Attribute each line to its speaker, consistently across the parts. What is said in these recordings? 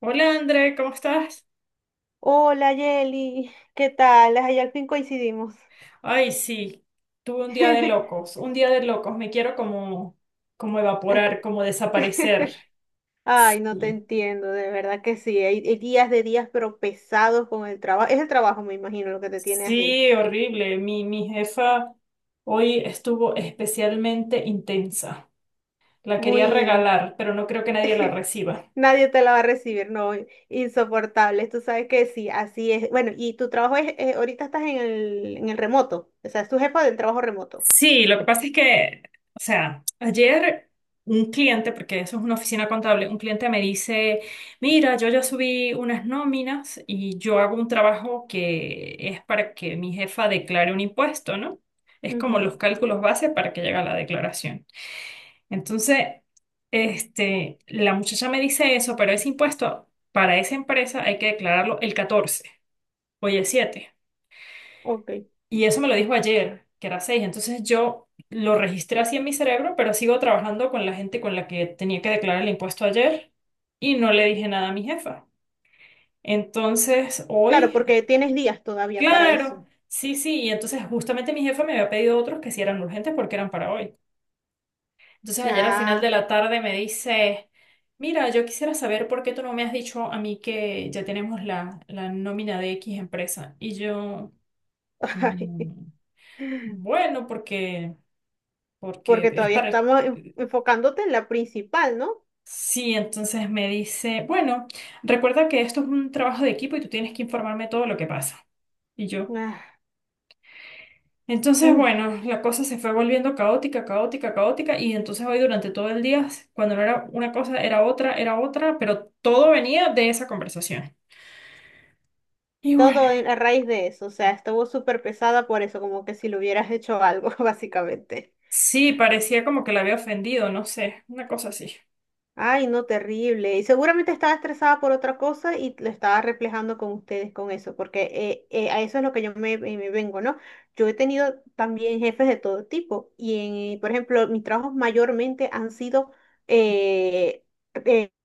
Speaker 1: Hola André, ¿cómo estás?
Speaker 2: Hola Yeli, ¿qué tal? Ay, al fin coincidimos.
Speaker 1: Ay, sí, tuve un día de locos, un día de locos, me quiero como, como evaporar,
Speaker 2: Ac-
Speaker 1: como desaparecer.
Speaker 2: Ay,
Speaker 1: Sí,
Speaker 2: no te entiendo, de verdad que sí. Hay días de días, pero pesados con el trabajo. Es el trabajo, me imagino, lo que te tiene así.
Speaker 1: sí, horrible. Mi jefa hoy estuvo especialmente intensa. La quería
Speaker 2: Muy...
Speaker 1: regalar, pero no creo que nadie la reciba.
Speaker 2: Nadie te la va a recibir, no, insoportable. Tú sabes que sí, así es. Bueno, y tu trabajo es, ahorita estás en el remoto, o sea, es tu jefa del trabajo remoto.
Speaker 1: Sí, lo que pasa es que, o sea, ayer un cliente, porque eso es una oficina contable, un cliente me dice, mira, yo ya subí unas nóminas y yo hago un trabajo que es para que mi jefa declare un impuesto, ¿no? Es como
Speaker 2: Ujú.
Speaker 1: los cálculos base para que llegue a la declaración. Entonces, este, la muchacha me dice eso, pero ese impuesto para esa empresa hay que declararlo el 14, hoy es 7.
Speaker 2: Ok.
Speaker 1: Y eso me lo dijo ayer, que era 6. Entonces yo lo registré así en mi cerebro, pero sigo trabajando con la gente con la que tenía que declarar el impuesto ayer y no le dije nada a mi jefa. Entonces
Speaker 2: Claro,
Speaker 1: hoy,
Speaker 2: porque tienes días todavía para
Speaker 1: claro,
Speaker 2: eso.
Speaker 1: sí, sí. Y entonces justamente mi jefa me había pedido otros que sí eran urgentes porque eran para hoy. Entonces ayer al final
Speaker 2: Ah,
Speaker 1: de la tarde me dice, mira, yo quisiera saber por qué tú no me has dicho a mí que ya tenemos la, la nómina de X empresa. Y yo... "Mm,
Speaker 2: ay,
Speaker 1: bueno, porque
Speaker 2: porque
Speaker 1: es
Speaker 2: todavía
Speaker 1: para...
Speaker 2: estamos enfocándote en la principal, ¿no?
Speaker 1: Sí, entonces me dice, bueno, recuerda que esto es un trabajo de equipo y tú tienes que informarme todo lo que pasa. Y yo.
Speaker 2: Ah,
Speaker 1: Entonces,
Speaker 2: mm,
Speaker 1: bueno, la cosa se fue volviendo caótica, caótica, caótica y entonces hoy durante todo el día, cuando no era una cosa, era otra, pero todo venía de esa conversación. Y bueno,
Speaker 2: todo a raíz de eso, o sea, estuvo súper pesada por eso, como que si le hubieras hecho algo, básicamente.
Speaker 1: sí, parecía como que la había ofendido, no sé, una cosa así.
Speaker 2: Ay, no, terrible. Y seguramente estaba estresada por otra cosa y lo estaba reflejando con ustedes con eso, porque a eso es lo que yo me vengo, ¿no? Yo he tenido también jefes de todo tipo y, por ejemplo, mis trabajos mayormente han sido eh,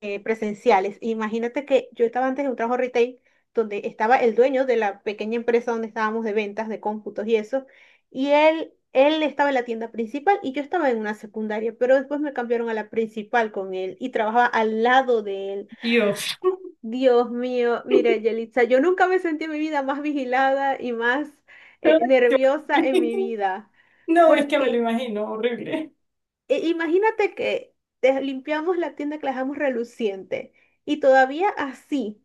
Speaker 2: presenciales. Imagínate que yo estaba antes en un trabajo retail, donde estaba el dueño de la pequeña empresa donde estábamos de ventas, de cómputos y eso, y él estaba en la tienda principal y yo estaba en una secundaria, pero después me cambiaron a la principal con él y trabajaba al lado de él.
Speaker 1: Dios.
Speaker 2: Dios mío, mira, Yelitza, yo nunca me sentí en mi vida más vigilada y más
Speaker 1: Qué
Speaker 2: nerviosa en
Speaker 1: horrible.
Speaker 2: mi vida,
Speaker 1: No, es que me lo
Speaker 2: porque
Speaker 1: imagino, horrible.
Speaker 2: imagínate que limpiamos la tienda, que la dejamos reluciente, y todavía así.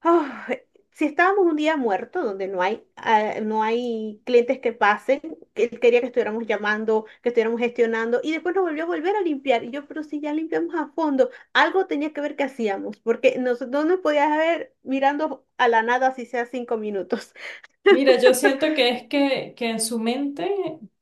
Speaker 2: Ah, si estábamos un día muerto donde no hay clientes que pasen, que él quería que estuviéramos llamando, que estuviéramos gestionando, y después nos volvió a volver a limpiar. Y yo, pero si ya limpiamos a fondo, algo tenía que ver que hacíamos, porque no nos podías ver mirando a la nada si sea 5 minutos.
Speaker 1: Mira, yo siento que es que en su mente,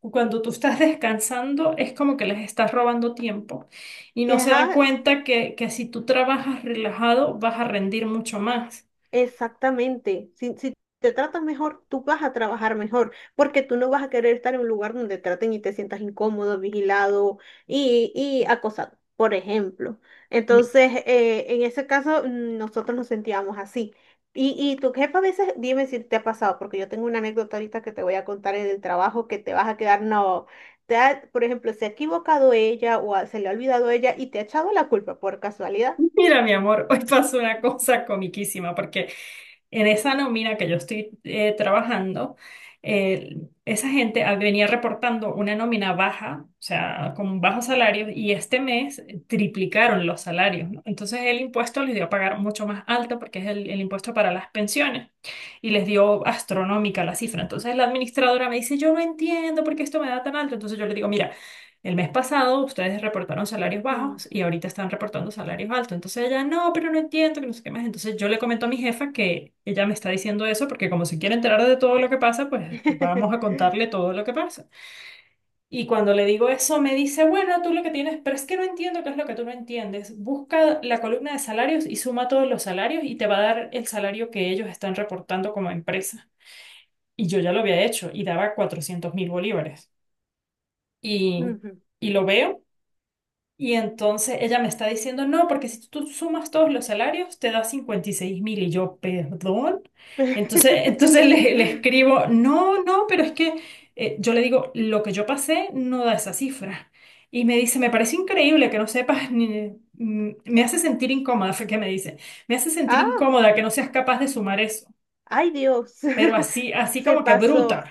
Speaker 1: cuando tú estás descansando, es como que les estás robando tiempo y no se dan
Speaker 2: Ajá.
Speaker 1: cuenta que si tú trabajas relajado vas a rendir mucho más.
Speaker 2: Exactamente. Si te tratan mejor, tú vas a trabajar mejor, porque tú no vas a querer estar en un lugar donde te traten y te sientas incómodo, vigilado y acosado, por ejemplo.
Speaker 1: Mi-
Speaker 2: Entonces, en ese caso, nosotros nos sentíamos así. Y tu jefa a veces, dime si te ha pasado, porque yo tengo una anécdota ahorita que te voy a contar en el trabajo, que te vas a quedar. No, por ejemplo, se ha equivocado ella, o se le ha olvidado ella y te ha echado la culpa por casualidad.
Speaker 1: Mira, mi amor, hoy pasó una cosa comiquísima porque en esa nómina que yo estoy trabajando, eh, esa gente venía reportando una nómina baja, o sea, con bajos salarios, y este mes triplicaron los salarios, ¿no? Entonces el impuesto les dio a pagar mucho más alto porque es el impuesto para las pensiones y les dio astronómica la cifra. Entonces la administradora me dice, yo no entiendo por qué esto me da tan alto. Entonces yo le digo, mira. El mes pasado ustedes reportaron salarios
Speaker 2: Mm.
Speaker 1: bajos y ahorita están reportando salarios altos. Entonces ella, no, pero no entiendo, que no sé qué más. Entonces yo le comento a mi jefa que ella me está diciendo eso porque como se quiere enterar de todo lo que pasa, pues vamos a contarle todo lo que pasa. Y cuando le digo eso, me dice, bueno, tú lo que tienes, pero es que no entiendo qué es lo que tú no entiendes. Busca la columna de salarios y suma todos los salarios y te va a dar el salario que ellos están reportando como empresa. Y yo ya lo había hecho y daba 400.000 bolívares. Y,
Speaker 2: Ujú.
Speaker 1: y lo veo. Y entonces ella me está diciendo, no, porque si tú sumas todos los salarios, te da 56.000. Y yo, perdón. Entonces, entonces le escribo, no, no, pero es que yo le digo, lo que yo pasé no da esa cifra. Y me dice, me parece increíble que no sepas, ni- me hace sentir incómoda, fue que me dice, me hace sentir
Speaker 2: Ah,
Speaker 1: incómoda que no seas capaz de sumar eso,
Speaker 2: ay Dios,
Speaker 1: pero así, así
Speaker 2: se
Speaker 1: como que
Speaker 2: pasó.
Speaker 1: bruta.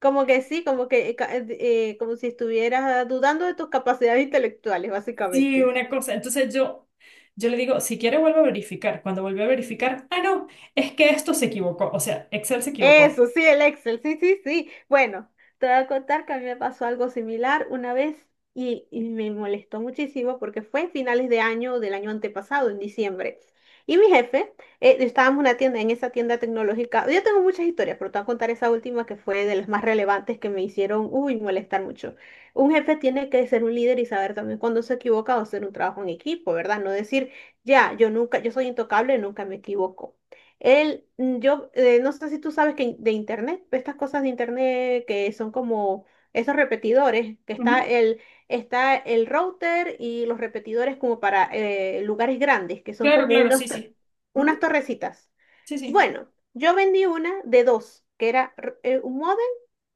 Speaker 2: Como que sí, como que como si estuvieras dudando de tus capacidades intelectuales,
Speaker 1: Sí,
Speaker 2: básicamente.
Speaker 1: una cosa. Entonces yo le digo, si quiere vuelve a verificar. Cuando vuelve a verificar, ah, no, es que esto se equivocó. O sea, Excel se equivocó.
Speaker 2: Eso, sí, el Excel, sí, sí, sí. Bueno, te voy a contar que a mí me pasó algo similar una vez, y me molestó muchísimo porque fue en finales de año del año antepasado, en diciembre. Y mi jefe, estábamos en una tienda, en esa tienda tecnológica. Yo tengo muchas historias, pero te voy a contar esa última, que fue de las más relevantes que me hicieron, uy, molestar mucho. Un jefe tiene que ser un líder y saber también cuándo se equivoca, o hacer un trabajo en equipo, ¿verdad? No decir, ya, yo nunca, yo soy intocable, nunca me equivoco. No sé si tú sabes que de internet, estas cosas de internet que son como esos repetidores, que está
Speaker 1: Ujú.
Speaker 2: el, está el router y los repetidores, como para lugares grandes, que son
Speaker 1: Claro,
Speaker 2: como
Speaker 1: claro, sí, sí.
Speaker 2: unas
Speaker 1: Ujú,
Speaker 2: torrecitas.
Speaker 1: sí, sí.
Speaker 2: Bueno, yo vendí una de dos, que era un modem,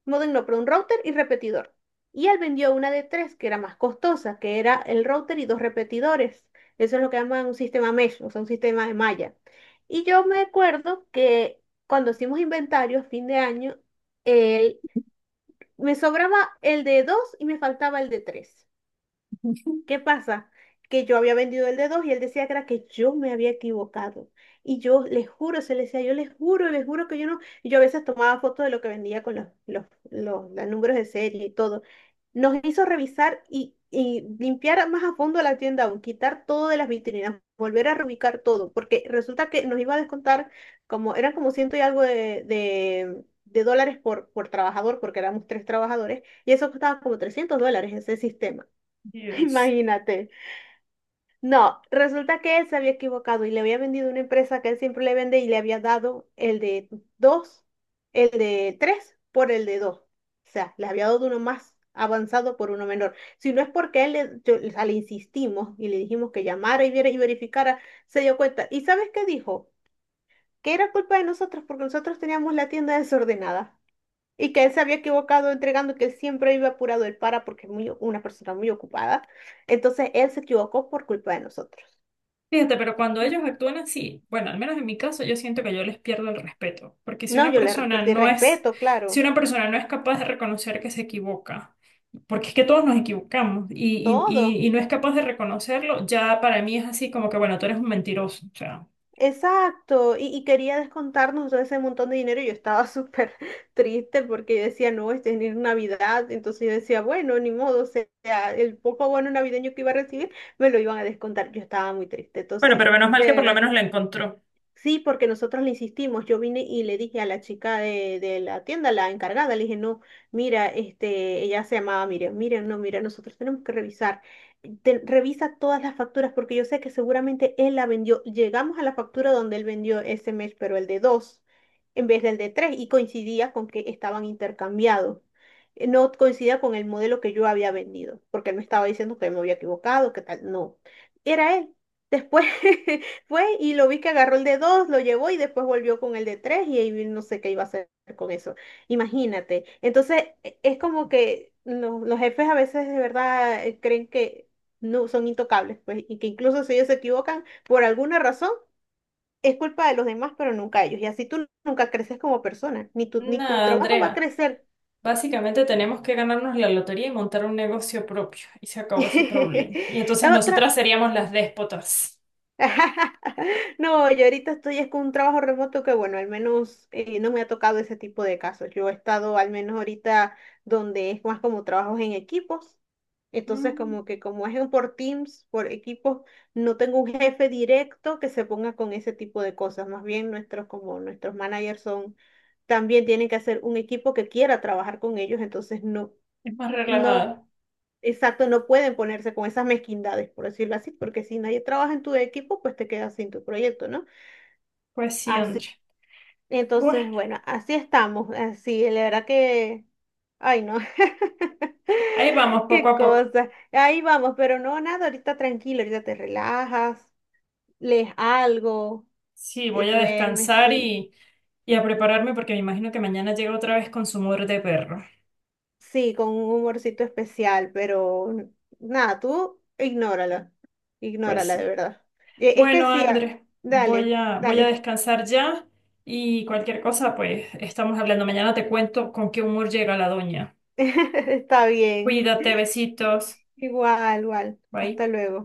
Speaker 2: modem no, pero un router y repetidor. Y él vendió una de tres, que era más costosa, que era el router y dos repetidores. Eso es lo que llaman un sistema mesh, o sea, un sistema de malla. Y yo me acuerdo que cuando hicimos inventario, fin de año, él- me sobraba el de dos y me faltaba el de tres. ¿Qué pasa? Que yo había vendido el de dos, y él decía que era que yo me había equivocado. Y yo les juro, se les decía, yo les juro que yo no. Y yo a veces tomaba fotos de lo que vendía con los números de serie y todo. Nos hizo revisar y limpiar más a fondo la tienda aún, quitar todo de las vitrinas, volver a reubicar todo, porque resulta que nos iba a descontar como, eran como ciento y algo de, de dólares por, trabajador, porque éramos tres trabajadores, y eso costaba como $300 ese sistema.
Speaker 1: Dios.
Speaker 2: Imagínate. No, resulta que él se había equivocado y le había vendido una empresa que él siempre le vende, y le había dado el de dos, el de tres por el de dos. O sea, le había dado uno más avanzado por uno menor. Si no es porque o sea, le insistimos y le dijimos que llamara y viera y verificara, se dio cuenta. ¿Y sabes qué dijo? Que era culpa de nosotros porque nosotros teníamos la tienda desordenada, y que él se había equivocado entregando, que él siempre iba apurado, él, para, porque es muy, una persona muy ocupada. Entonces él se equivocó por culpa de nosotros.
Speaker 1: Fíjate, pero cuando ellos actúan así, bueno, al menos en mi caso, yo siento que yo les pierdo el respeto, porque si
Speaker 2: No,
Speaker 1: una
Speaker 2: yo le
Speaker 1: persona
Speaker 2: perdí
Speaker 1: no es,
Speaker 2: respeto,
Speaker 1: si
Speaker 2: claro,
Speaker 1: una persona no es capaz de reconocer que se equivoca, porque es que todos nos equivocamos
Speaker 2: todo.
Speaker 1: y no es capaz de reconocerlo, ya para mí es así como que, bueno, tú eres un mentiroso, o sea,
Speaker 2: Exacto, y quería descontarnos todo ese montón de dinero, y yo estaba súper triste, porque yo decía, no, este es Navidad. Entonces yo decía, bueno, ni modo, o sea, el poco bono navideño que iba a recibir, me lo iban a descontar. Yo estaba muy triste,
Speaker 1: bueno,
Speaker 2: entonces,
Speaker 1: pero menos mal que
Speaker 2: de
Speaker 1: por lo
Speaker 2: verdad.
Speaker 1: menos la encontró.
Speaker 2: Sí, porque nosotros le insistimos. Yo vine y le dije a la chica de la tienda, la encargada, le dije, no, mira, este, ella se llamaba Miriam, Miriam, no, mira, nosotros tenemos que revisar. Revisa todas las facturas, porque yo sé que seguramente él la vendió. Llegamos a la factura donde él vendió ese mes, pero el de dos en vez del de tres, y coincidía con que estaban intercambiados. No coincidía con el modelo que yo había vendido, porque él me estaba diciendo que me había equivocado, que tal, no. Era él. Después fue y lo vi que agarró el de dos, lo llevó y después volvió con el de tres, y ahí no sé qué iba a hacer con eso. Imagínate. Entonces, es como que los jefes a veces de verdad creen que no son intocables, pues, y que incluso si ellos se equivocan por alguna razón, es culpa de los demás, pero nunca ellos. Y así tú nunca creces como persona, ni tu, ni tu
Speaker 1: Nada,
Speaker 2: trabajo va a
Speaker 1: Andrea.
Speaker 2: crecer.
Speaker 1: Básicamente tenemos que ganarnos la lotería y montar un negocio propio. Y se acabó ese problema. Y entonces
Speaker 2: Otra.
Speaker 1: nosotras seríamos las déspotas.
Speaker 2: No, yo ahorita estoy es con un trabajo remoto que, bueno, al menos no me ha tocado ese tipo de casos. Yo he estado al menos ahorita donde es más como trabajos en equipos. Entonces,
Speaker 1: Mm,
Speaker 2: como que como es por teams, por equipos, no tengo un jefe directo que se ponga con ese tipo de cosas. Más bien como nuestros managers son, también tienen que hacer un equipo que quiera trabajar con ellos. Entonces, no,
Speaker 1: es más
Speaker 2: no.
Speaker 1: relajada.
Speaker 2: Exacto, no pueden ponerse con esas mezquindades, por decirlo así, porque si nadie trabaja en tu equipo, pues te quedas sin tu proyecto, ¿no?
Speaker 1: Pues sí,
Speaker 2: Así,
Speaker 1: Andrea.
Speaker 2: entonces,
Speaker 1: Bueno,
Speaker 2: bueno, así estamos, así, la verdad que, ay, no,
Speaker 1: ahí vamos, poco
Speaker 2: qué
Speaker 1: a poco.
Speaker 2: cosa, ahí vamos, pero no, nada, ahorita tranquilo, ahorita te relajas, lees algo,
Speaker 1: Sí,
Speaker 2: y
Speaker 1: voy a
Speaker 2: duermes,
Speaker 1: descansar
Speaker 2: sí,
Speaker 1: y a prepararme porque me imagino que mañana llega otra vez con su muerte de perro.
Speaker 2: sí, con un humorcito especial, pero nada, tú ignórala,
Speaker 1: Pues
Speaker 2: ignórala de
Speaker 1: sí.
Speaker 2: verdad. Es que
Speaker 1: Bueno,
Speaker 2: sí,
Speaker 1: Andrés, voy
Speaker 2: dale.
Speaker 1: a, voy a
Speaker 2: Dale.
Speaker 1: descansar ya y cualquier cosa, pues estamos hablando. Mañana te cuento con qué humor llega la doña.
Speaker 2: Está bien.
Speaker 1: Cuídate, besitos.
Speaker 2: Igual, igual.
Speaker 1: Bye.
Speaker 2: Hasta luego.